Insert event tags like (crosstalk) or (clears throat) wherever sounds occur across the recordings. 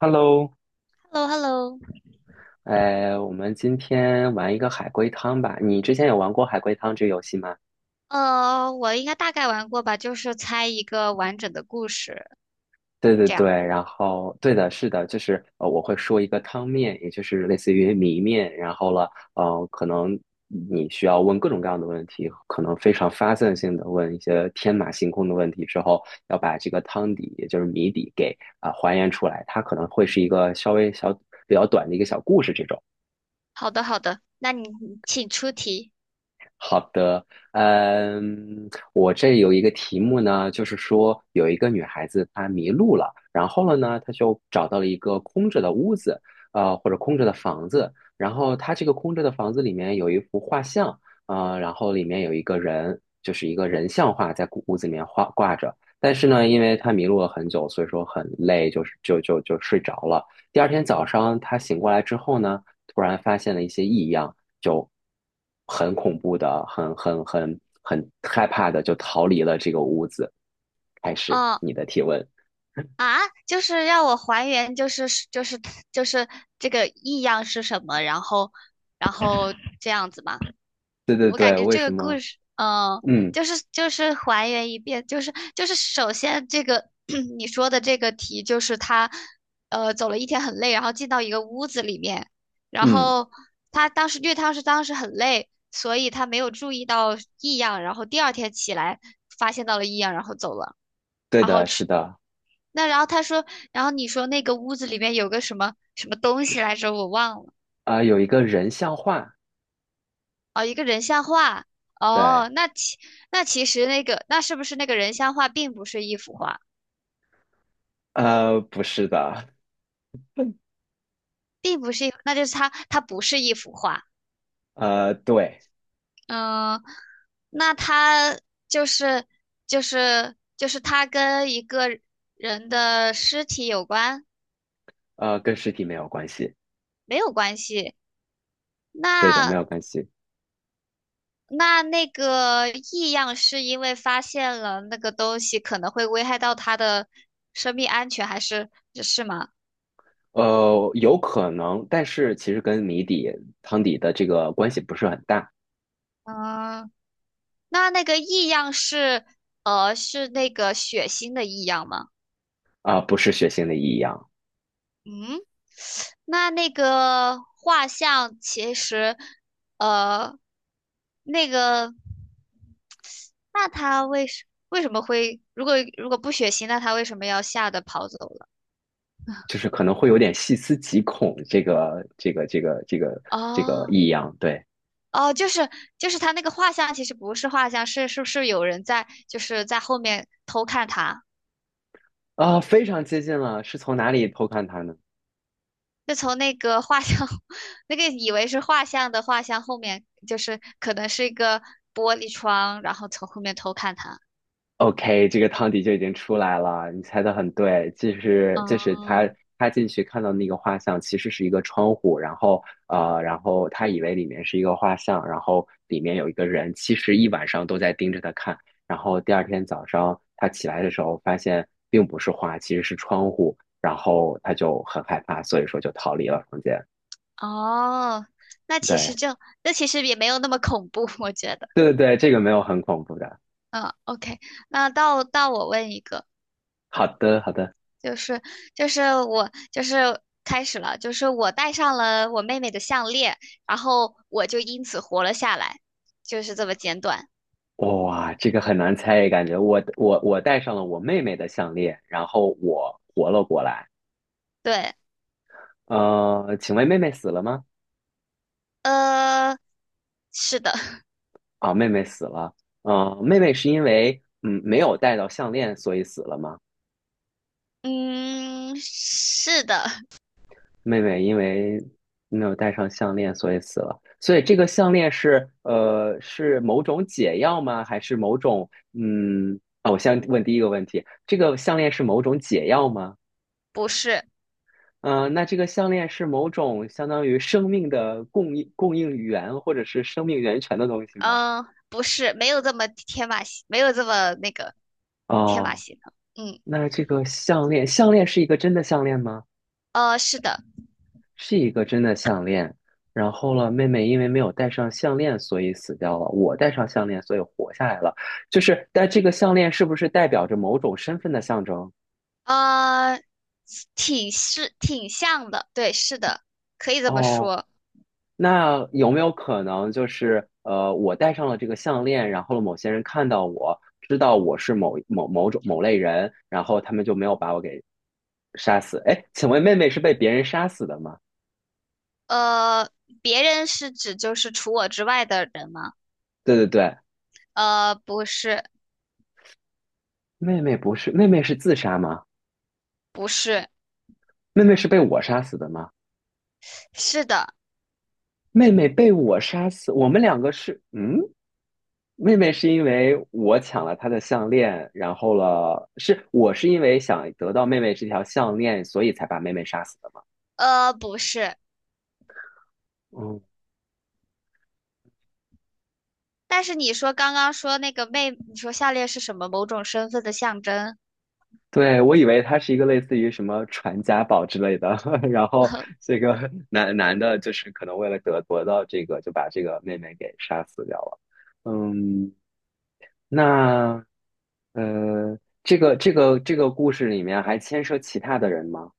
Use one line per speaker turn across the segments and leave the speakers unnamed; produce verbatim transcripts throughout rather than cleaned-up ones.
Hello，
h e l l o h e l l o
呃，我们今天玩一个海龟汤吧。你之前有玩过海龟汤这个游戏吗？
呃，我应该大概玩过吧，就是猜一个完整的故事，
对对
这
对，
样。
然后对的，是的，就是呃，我会说一个汤面，也就是类似于谜面，然后了，呃，可能你需要问各种各样的问题，可能非常发散性的问一些天马行空的问题之后，要把这个汤底，也就是谜底给啊、还原出来。它可能会是一个稍微小比较短的一个小故事这种。
好的，好的，那你请出题。
嗯，我这有一个题目呢，就是说有一个女孩子她迷路了，然后了呢，她就找到了一个空着的屋子，呃，或者空着的房子，然后她这个空着的房子里面有一幅。呃，然后里面有一个人，就是一个人像画在屋子里面画挂着。但是呢，因为他迷路了很久，所以说很累，就是就就就睡着了。第二天早上他醒过来之后呢，突然发现了一些异样，就很恐怖的，很很很很害怕的，就逃离了这个屋子。开始
哦，
你的提问。
啊，就是让我还原，就是就是就是这个异样是什么，然后然后这样子吗？
对对
我感
对，
觉
为
这
什
个故
么？
事，嗯，
嗯
就是就是还原一遍，就是就是首先这个 (clears throat) 你说的这个题，就是他呃走了一天很累，然后进到一个屋子里面，然
嗯，
后他当时因为他是当时很累，所以他没有注意到异样，然后第二天起来发现到了异样，然后走了。
对的，是的，
那然后他说，然后你说那个屋子里面有个什么什么东西来着，我忘了。
啊、有一个人像画，
哦，一个人像画。
对，
哦，那其那其实那个那是不是那个人像画并不是一幅画，
呃，不是的，
并不是一，那就是它它不是一幅画。
呃，对。
嗯，那它就是就是就是它跟一个人的尸体有关，
呃，跟实体没有关系，
没有关系。
对的，没
那
有关系。
那那个异样是因为发现了那个东西可能会危害到他的生命安全，还是是吗？
呃，有可能，但是其实跟谜底、汤底的这个关系不是很大
嗯。那那个异样是呃是那个血腥的异样吗？
啊，不是血腥的异样，
嗯，那那个画像其实呃那个那他为什为什么会如果如果不血腥，那他为什么要吓得跑走了？
就是可能会有点细思极恐，这个、这个、这个、这个、这个
哦
异样，对
哦，就是就是他那个画像其实不是画像，是是不是有人在就是在后面偷看他？
啊，非常接近了，是从哪里偷看他呢？
就从那个画像，(laughs) 那个以为是画像的画像后面，就是可能是一个玻璃窗，然后从后面偷看他。
OK，这个汤底就已经出来了，你猜的很对，就是就是他
嗯，
他进去看到那个画像其实是一个窗户，然后呃，然后他以为里面是一个画像，然后里面有一个人，其实一晚上都在盯着他看，然后第二天早上他起来的时候发现并不是画，其实是窗户，然后他就很害怕，所以说就逃离了房间。
哦，那其实
对
就，那其实也没有那么恐怖，(laughs) 我觉得。
对对对，这个没有很恐怖的。
嗯，OK,那到到我问一个，
好的好的。
就是就是我就是开始了，就是我戴上了我妹妹的项链，然后我就因此活了下来，就是这么简短。
哇，这个很难猜，感觉我我我戴上了我妹妹的项链，然后我活了过来。
对，
呃，请问妹妹死了吗？
呃，是的。
啊，妹妹死了。呃，妹妹是因为嗯没有戴到项链，所以死了吗？
嗯，是的，(laughs)
妹妹因为没有戴上项链，所以死了。所以这个项链是呃是某种解药吗？还是某种嗯啊？我先问第一个问题，这个项链是某种解药吗？
不是，
嗯，那这个项链是某种相当于生命的供应供应源，或者是生命源泉的东西吗？
嗯，不是，没有这么天马行，没有这么那个天马
哦，
行空。嗯，
那这个项链，项链是一个真的项链吗？
呃，是的，
是一个真的项链。然后了，妹妹因为没有戴上项链，所以死掉了。我戴上项链，所以活下来了。就是，但这个项链是不是代表着某种身份的象征？
呃，挺是挺像的，对，是的，可以这么
哦，
说。
那有没有可能就是呃，我戴上了这个项链，然后某些人看到我，知道我是某某某种某类人，然后他们就没有把我给杀死？哎，请问妹妹是被别人杀死的吗？
呃，别人是指就是除我之外的人吗？
对对对，
呃，不是，
妹妹不是，妹妹是自杀吗？
不是，
妹妹是被我杀死的吗？
是的，
妹妹被我杀死，我们两个是嗯。妹妹是因为我抢了她的项链，然后了，是我是因为想得到妹妹这条项链，所以才把妹妹杀死的吗？
呃，不是。
嗯。
但是你说刚刚说那个妹，你说下列是什么某种身份的象征？
对，我以为他是一个类似于什么传家宝之类的，(laughs) 然后这个 (laughs) 男男的，就是可能为了得得到这个，就把这个妹妹给杀死掉了。嗯，那呃，这个这个这个故事里面还牵涉其他的人吗？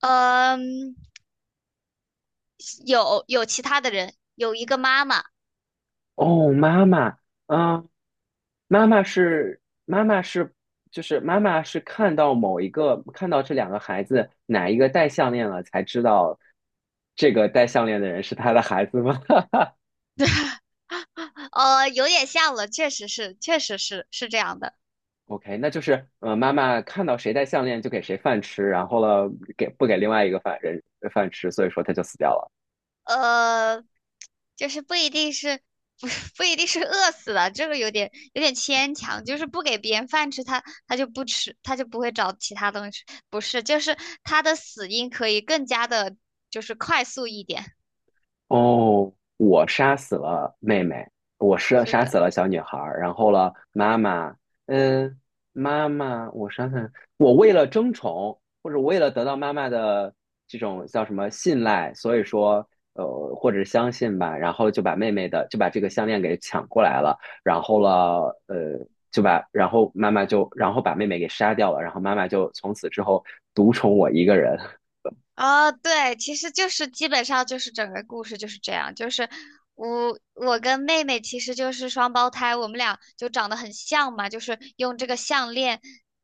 呃嗯。有有其他的人，有一个妈妈，
哦，妈妈，嗯，妈妈是妈妈是就是妈妈是看到某一个看到这两个孩子哪一个戴项链了，才知道这个戴项链的人是他的孩子吗 (laughs)
呃，有点像了，确实是，确实是是这样的，
？OK，那就是呃，妈妈看到谁戴项链就给谁饭吃，然后了给不给另外一个饭人呃饭吃，所以说他就死掉了。
呃，就是不一定是不不一定是饿死的，这个有点有点牵强，就是不给别人饭吃，他他就不吃，他就不会找其他东西，不是，就是他的死因可以更加的，就是快速一点，
哦，我杀死了妹妹，我杀
是
杀死
的。
了小女孩儿，然后了妈妈，嗯，妈妈，我想想，我为了争宠，或者为了得到妈妈的这种叫什么信赖，所以说，呃，或者相信吧，然后就把妹妹的就把这个项链给抢过来了，然后了，呃，就把然后妈妈就然后把妹妹给杀掉了，然后妈妈就从此之后独宠我一个人。(laughs)
哦，对，其实就是基本上就是整个故事就是这样，就是我我跟妹妹其实就是双胞胎，我们俩就长得很像嘛，就是用这个项链，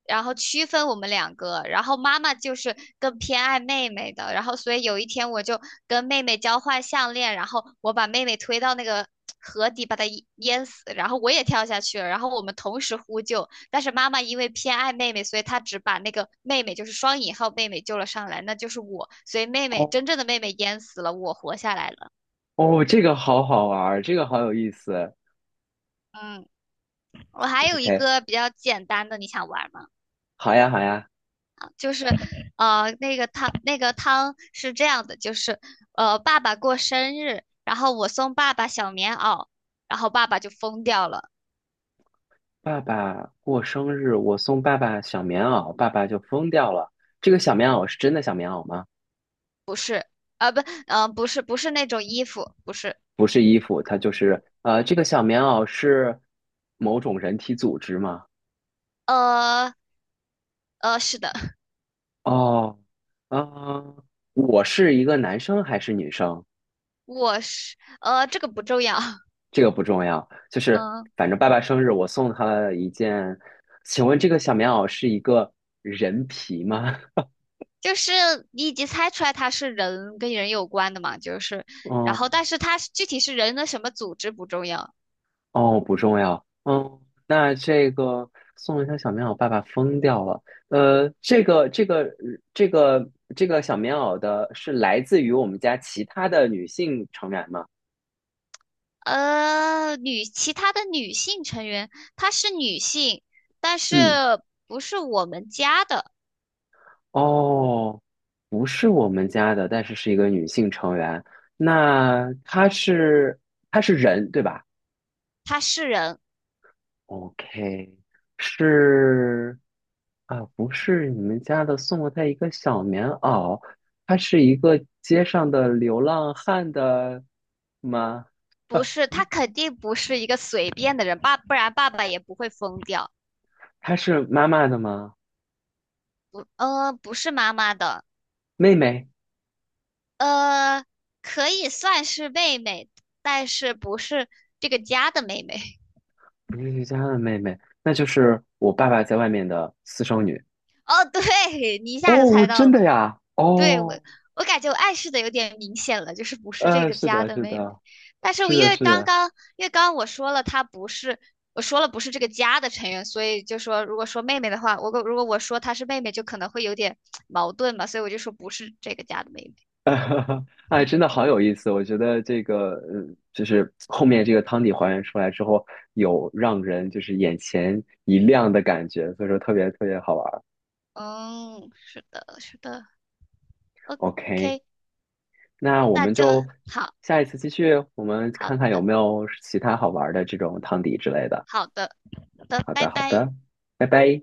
然后区分我们两个，然后妈妈就是更偏爱妹妹的，然后所以有一天我就跟妹妹交换项链，然后我把妹妹推到那个 (tsk) 河底把她淹淹死，然后我也跳下去了，然后我们同时呼救，但是妈妈因为偏爱妹妹，所以她只把那个妹妹，就是双引号妹妹救了上来，那就是我。所以妹妹
哦
真正的妹妹淹死了，我活下来了。
哦，这个好好玩儿，这个好有意思。
嗯，我还有一
OK，
个比较简单的，你想玩吗？
好呀，好呀。
就是 (sniffs)，呃，那个汤，那个汤是这样的，就是，呃，爸爸过生日，然后我送爸爸小棉袄，然后爸爸就疯掉了。
爸爸过生日，我送爸爸小棉袄，爸爸就疯掉了。这个小棉袄是真的小棉袄吗？
啊，不，呃，不是，不是那种衣服，不是，
不是衣服，它就是呃，这个小棉袄是某种人体组织吗？
呃，呃，是的，
哦，嗯、我是一个男生还是女生？
我是，呃，这个不重要，(laughs)
这个不重要，就是
嗯、
反正爸爸生日，我送他了一件。请问这个小棉袄是一个人皮吗？
就是你已经猜出来它是人跟人有关的嘛，就是，
(laughs)
然
哦，
后但是它是具体是人的什么组织不重要，
哦，不重要。嗯，那这个送一条小棉袄，爸爸疯掉了。呃，这个这个这个这个小棉袄的是来自于我们家其他的女性成员吗？
呃，女其他的女性成员，她是女性，但是
嗯，
不是我们家的，
哦，不是我们家的，但是是一个女性成员。那她是她是人，对吧？
她是人，
OK，是啊，不是你们家的送了他一个小棉袄，他是一个街上的流浪汉的吗？
不是，她肯定不是一个随便的人，爸，不然爸爸也不会疯掉，
他是妈妈的吗？
呃，不是妈妈的，
妹妹，
呃，可以算是妹妹，但是不是这个家的妹妹。
不是瑜家的妹妹，那就是我爸爸在外面的私生女。
(laughs) 哦，对，你一下就
哦，
猜到
真的
了。
呀？
对，我
哦，
我感觉我暗示的有点明显了，就是不是这
呃，
个
是
家
的，
的
是
妹妹。
的，
但是我
是
因
的，
为
是
刚
的，
刚因为刚刚我说了她不是，我说了不是这个家的成员，所以就说如果说妹妹的话，我如果我说她是妹妹，就可能会有点矛盾嘛，所以我就说不是这个家的妹妹。
(laughs) 哎，真的
OK,
好有意思！我觉得这个，呃，就是后面这个汤底还原出来之后，有让人就是眼前一亮的感觉，所以说特别特别好玩儿。
嗯，是的，是的
OK，
，OK,
那我
那
们
就
就
好，
下一次继续，我们
好
看看有
的，
没有其他好玩儿的这种汤底之类的。
好的，好的，
好
拜
的，好
拜。
的，拜拜。